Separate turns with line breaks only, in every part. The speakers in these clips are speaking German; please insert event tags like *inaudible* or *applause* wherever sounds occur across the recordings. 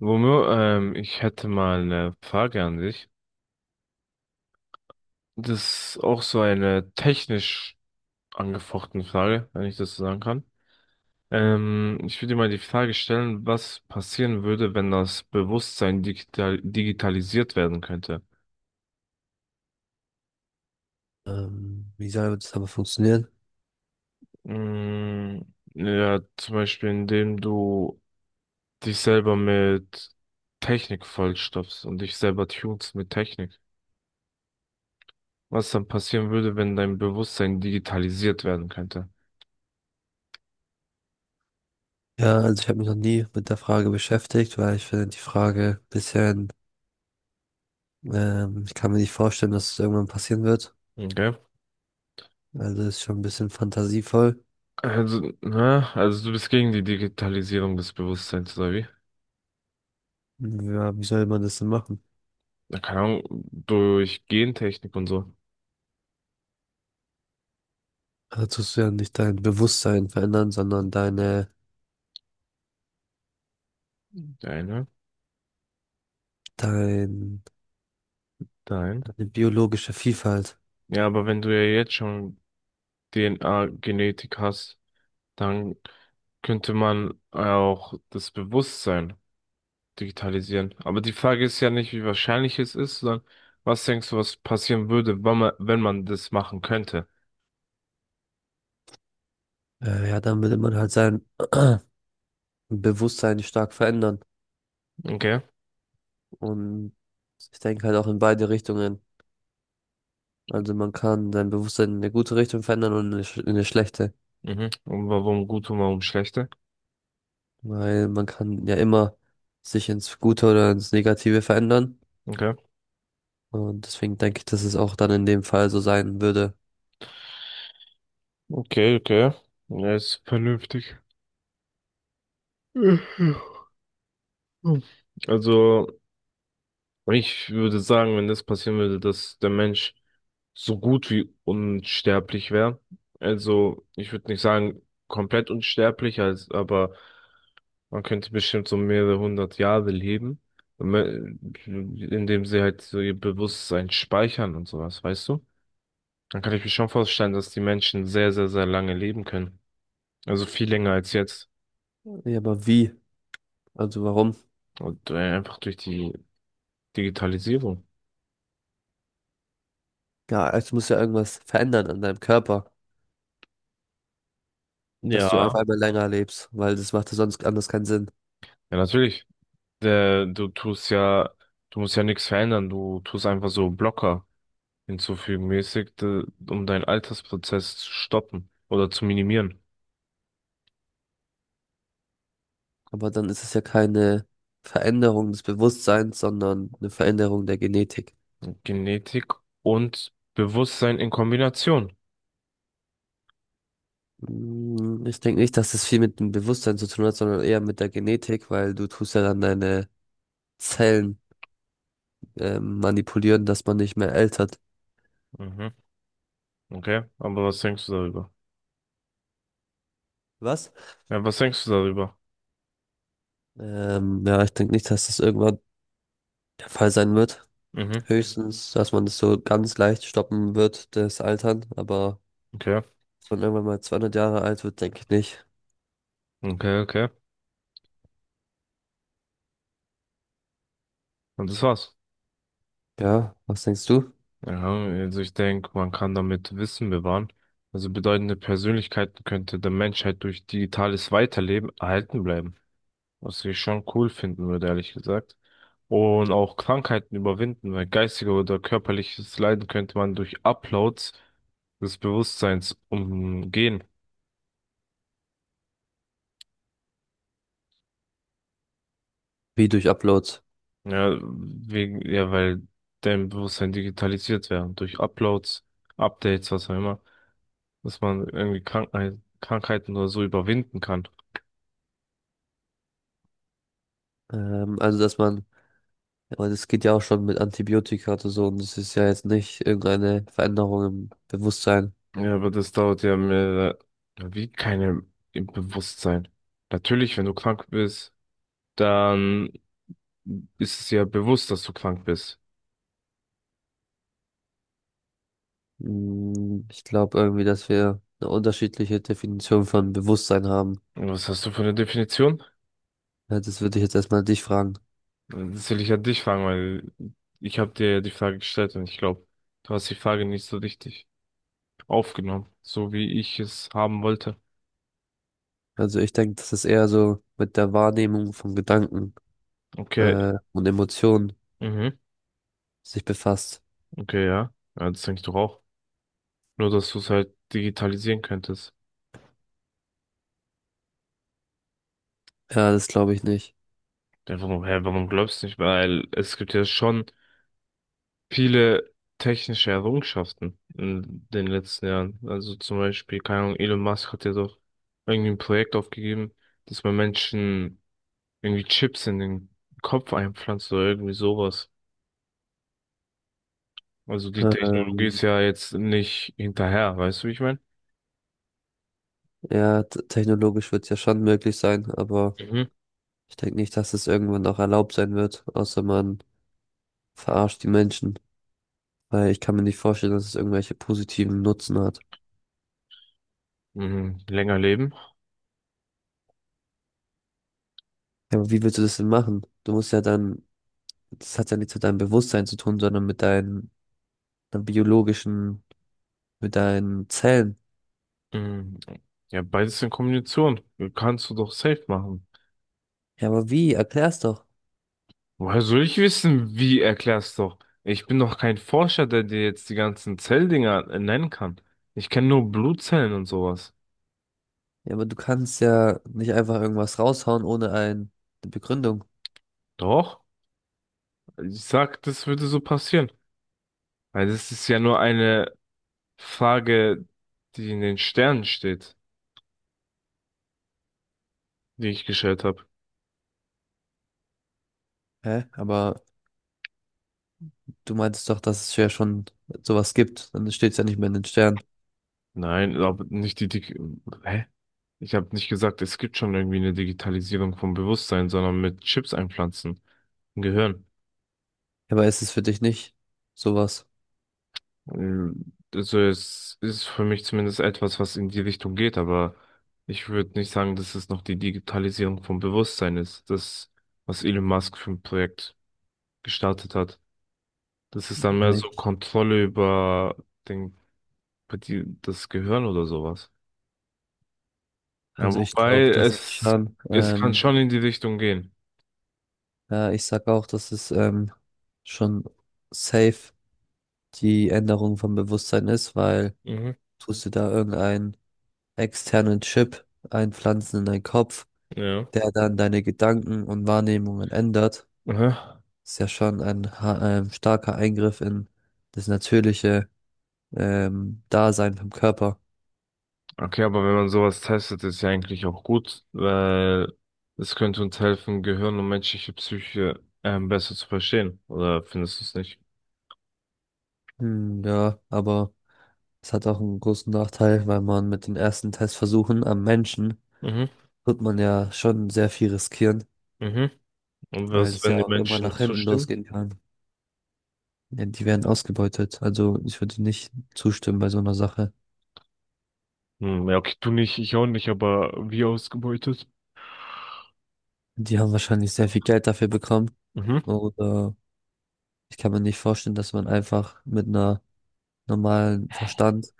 Romeo, ich hätte mal eine Frage an dich. Das ist auch so eine technisch angefochtene Frage, wenn ich das so sagen kann. Ich würde dir mal die Frage stellen, was passieren würde, wenn das Bewusstsein digitalisiert werden könnte?
Wie soll das aber funktionieren?
Mm, ja, zum Beispiel, indem du dich selber mit Technik vollstopfst und dich selber tunst mit Technik. Was dann passieren würde, wenn dein Bewusstsein digitalisiert werden könnte?
Ja, also ich habe mich noch nie mit der Frage beschäftigt, weil ich finde die Frage ein bisschen, ich kann mir nicht vorstellen, dass es irgendwann passieren wird.
Okay.
Also ist schon ein bisschen fantasievoll.
Also, ne, also du bist gegen die Digitalisierung des Bewusstseins, oder wie?
Ja, wie soll man das denn machen?
Na, keine Ahnung, durch Gentechnik und so.
Da tust du ja nicht dein Bewusstsein verändern, sondern
Deine,
dein,
dein.
deine biologische Vielfalt.
Ja, aber wenn du ja jetzt schon DNA-Genetik hast, dann könnte man auch das Bewusstsein digitalisieren. Aber die Frage ist ja nicht, wie wahrscheinlich es ist, sondern was denkst du, was passieren würde, wenn man das machen könnte?
Ja, dann will man halt sein *clears throat* Bewusstsein stark verändern.
Okay.
Und ich denke halt auch in beide Richtungen. Also man kann sein Bewusstsein in eine gute Richtung verändern und in in eine schlechte.
Mhm. Und warum gut und warum schlechte?
Weil man kann ja immer sich ins Gute oder ins Negative verändern.
Okay.
Und deswegen denke ich, dass es auch dann in dem Fall so sein würde.
Okay, okay. Ja, ist vernünftig. Also, ich würde sagen, wenn das passieren würde, dass der Mensch so gut wie unsterblich wäre. Also, ich würde nicht sagen komplett unsterblich, als, aber man könnte bestimmt so mehrere hundert Jahre leben, me- indem sie halt so ihr Bewusstsein speichern und sowas, weißt du? Dann kann ich mir schon vorstellen, dass die Menschen sehr, sehr, sehr lange leben können. Also viel länger als jetzt.
Ja, aber wie? Also warum?
Und einfach durch die Digitalisierung.
Ja, es muss ja irgendwas verändern an deinem Körper, dass du auf
Ja.
einmal länger lebst, weil das macht ja sonst anders keinen Sinn.
Ja, natürlich. Der, du tust ja, Du musst ja nichts verändern. Du tust einfach so Blocker hinzufügen, mäßig, um deinen Altersprozess zu stoppen oder zu minimieren.
Aber dann ist es ja keine Veränderung des Bewusstseins, sondern eine Veränderung der Genetik.
Genetik und Bewusstsein in Kombination.
Ich denke nicht, dass das viel mit dem Bewusstsein zu tun hat, sondern eher mit der Genetik, weil du tust ja dann deine Zellen manipulieren, dass man nicht mehr altert.
Mhm. Okay. Aber was denkst du darüber?
Was?
Ja, was denkst du darüber?
Ja, ich denke nicht, dass das irgendwann der Fall sein wird.
Mhm.
Höchstens, dass man das so ganz leicht stoppen wird, das Altern, aber
Okay.
dass man irgendwann mal 200 Jahre alt wird, denke ich nicht.
Okay, okay. Und das war's.
Ja, was denkst du?
Ja, also ich denke, man kann damit Wissen bewahren. Also bedeutende Persönlichkeiten könnte der Menschheit durch digitales Weiterleben erhalten bleiben. Was ich schon cool finden würde, ehrlich gesagt. Und auch Krankheiten überwinden, weil geistiger oder körperliches Leiden könnte man durch Uploads des Bewusstseins umgehen.
Wie durch Uploads?
Ja, weil dein Bewusstsein digitalisiert wäre. Durch Uploads, Updates, was auch immer, dass man irgendwie Krankheiten oder so überwinden kann.
Also, aber das geht ja auch schon mit Antibiotika oder so und das ist ja jetzt nicht irgendeine Veränderung im Bewusstsein.
Ja, aber das dauert ja mehr, wie keine im Bewusstsein. Natürlich, wenn du krank bist, dann ist es ja bewusst, dass du krank bist.
Mm, ich glaube irgendwie, dass wir eine unterschiedliche Definition von Bewusstsein haben.
Und was hast du für eine Definition?
Ja, das würde ich jetzt erstmal dich fragen.
Das will ich an dich fragen, weil ich habe dir ja die Frage gestellt und ich glaube, du hast die Frage nicht so richtig aufgenommen, so wie ich es haben wollte.
Also ich denke, dass es eher so mit der Wahrnehmung von Gedanken
Okay,
und Emotionen
mhm,
sich befasst.
okay, ja. Ja, das denke ich doch auch. Nur, dass du es halt digitalisieren könntest.
Ja, das glaube ich nicht.
Einfach nur, hä, warum glaubst du nicht? Weil es gibt ja schon viele technische Errungenschaften in den letzten Jahren. Also zum Beispiel, keine Ahnung, Elon Musk hat ja doch irgendwie ein Projekt aufgegeben, dass man Menschen irgendwie Chips in den Kopf einpflanzt oder irgendwie sowas. Also die Technologie
Ähm,
ist ja jetzt nicht hinterher, weißt du, wie ich meine?
Technologisch wird es ja schon möglich sein, aber
Mhm.
ich denke nicht, dass es irgendwann auch erlaubt sein wird, außer man verarscht die Menschen. Weil ich kann mir nicht vorstellen, dass es irgendwelche positiven Nutzen hat.
Mhm. Länger leben.
Ja, aber wie willst du das denn machen? Du musst ja dann das hat ja nichts mit deinem Bewusstsein zu tun, sondern mit deinen biologischen, mit deinen Zellen.
Mhm. Ja, beides in Kombination. Kannst du doch safe machen.
Ja, aber wie? Erklär's doch.
Woher soll ich wissen, wie erklärst doch? Ich bin doch kein Forscher, der dir jetzt die ganzen Zelldinger nennen kann. Ich kenne nur Blutzellen und sowas.
Ja, aber du kannst ja nicht einfach irgendwas raushauen ohne eine Begründung.
Doch, ich sag, das würde so passieren. Weil das ist ja nur eine Frage, die in den Sternen steht, die ich gestellt habe.
Hä? Aber du meintest doch, dass es ja schon sowas gibt. Dann steht's ja nicht mehr in den Sternen.
Nein, aber nicht die Dig Hä? Ich habe nicht gesagt, es gibt schon irgendwie eine Digitalisierung vom Bewusstsein, sondern mit Chips einpflanzen im Gehirn.
Ja, aber ist es für dich nicht sowas?
Also es ist für mich zumindest etwas, was in die Richtung geht, aber ich würde nicht sagen, dass es noch die Digitalisierung vom Bewusstsein ist, das, was Elon Musk für ein Projekt gestartet hat. Das ist dann mehr
Äh,
so
Ich,
Kontrolle über den, über die, das Gehirn oder sowas. Ja,
also ich
wobei,
glaube,
ja,
dass
es,
schon,
es kann
ähm,
schon in die Richtung gehen.
ja, Ich sag auch, dass es schon safe die Änderung vom Bewusstsein ist, weil
Mhm.
tust du da irgendein externen Chip einpflanzen in deinen Kopf,
Ja.
der dann deine Gedanken und Wahrnehmungen ändert.
Mhm.
Ist ja schon ein starker Eingriff in das natürliche Dasein vom Körper.
Okay, aber wenn man sowas testet, ist ja eigentlich auch gut, weil es könnte uns helfen, Gehirn und menschliche Psyche besser zu verstehen. Oder findest du es nicht?
Hm, ja, aber es hat auch einen großen Nachteil, weil man mit den ersten Testversuchen am Menschen
Mhm,
wird man ja schon sehr viel riskieren,
mhm. Und
weil
was,
es
wenn
ja
die
auch immer
Menschen
nach hinten
zustimmen?
losgehen kann. Ja, die werden ausgebeutet. Also ich würde nicht zustimmen bei so einer Sache.
Hm, ja, okay, du nicht, ich auch nicht, aber wie ausgebeutet?
Die haben wahrscheinlich sehr viel Geld dafür bekommen.
Mhm.
Oder ich kann mir nicht vorstellen, dass man einfach mit einer normalen Verstand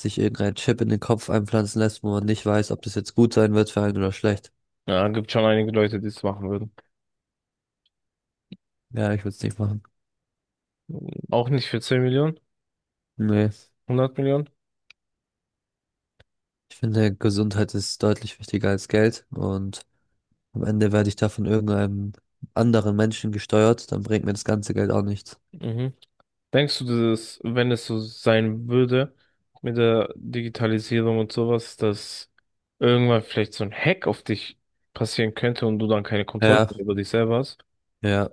sich irgendein Chip in den Kopf einpflanzen lässt, wo man nicht weiß, ob das jetzt gut sein wird für einen oder schlecht.
Ja, gibt schon einige Leute, die es machen würden.
Ja, ich würde es nicht machen.
Auch nicht für 10 Millionen,
Nee.
100 Millionen.
Ich finde, Gesundheit ist deutlich wichtiger als Geld und am Ende werde ich da von irgendeinem anderen Menschen gesteuert, dann bringt mir das ganze Geld auch nichts.
Mhm. Denkst du, dass, es- wenn es so sein würde mit der Digitalisierung und sowas, dass irgendwann vielleicht so ein Hack auf dich passieren könnte und du dann keine Kontrolle
Ja,
mehr über dich selber hast?
ja,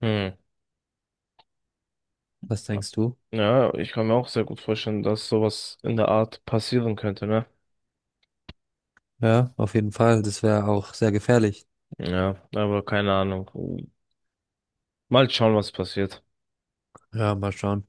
Hm.
was denkst du?
Ja, ich kann mir auch sehr gut vorstellen, dass sowas in der Art passieren könnte, ne?
Ja, auf jeden Fall, das wäre auch sehr gefährlich.
Ja, aber keine Ahnung. Mal schauen, was passiert.
Ja, mal schauen.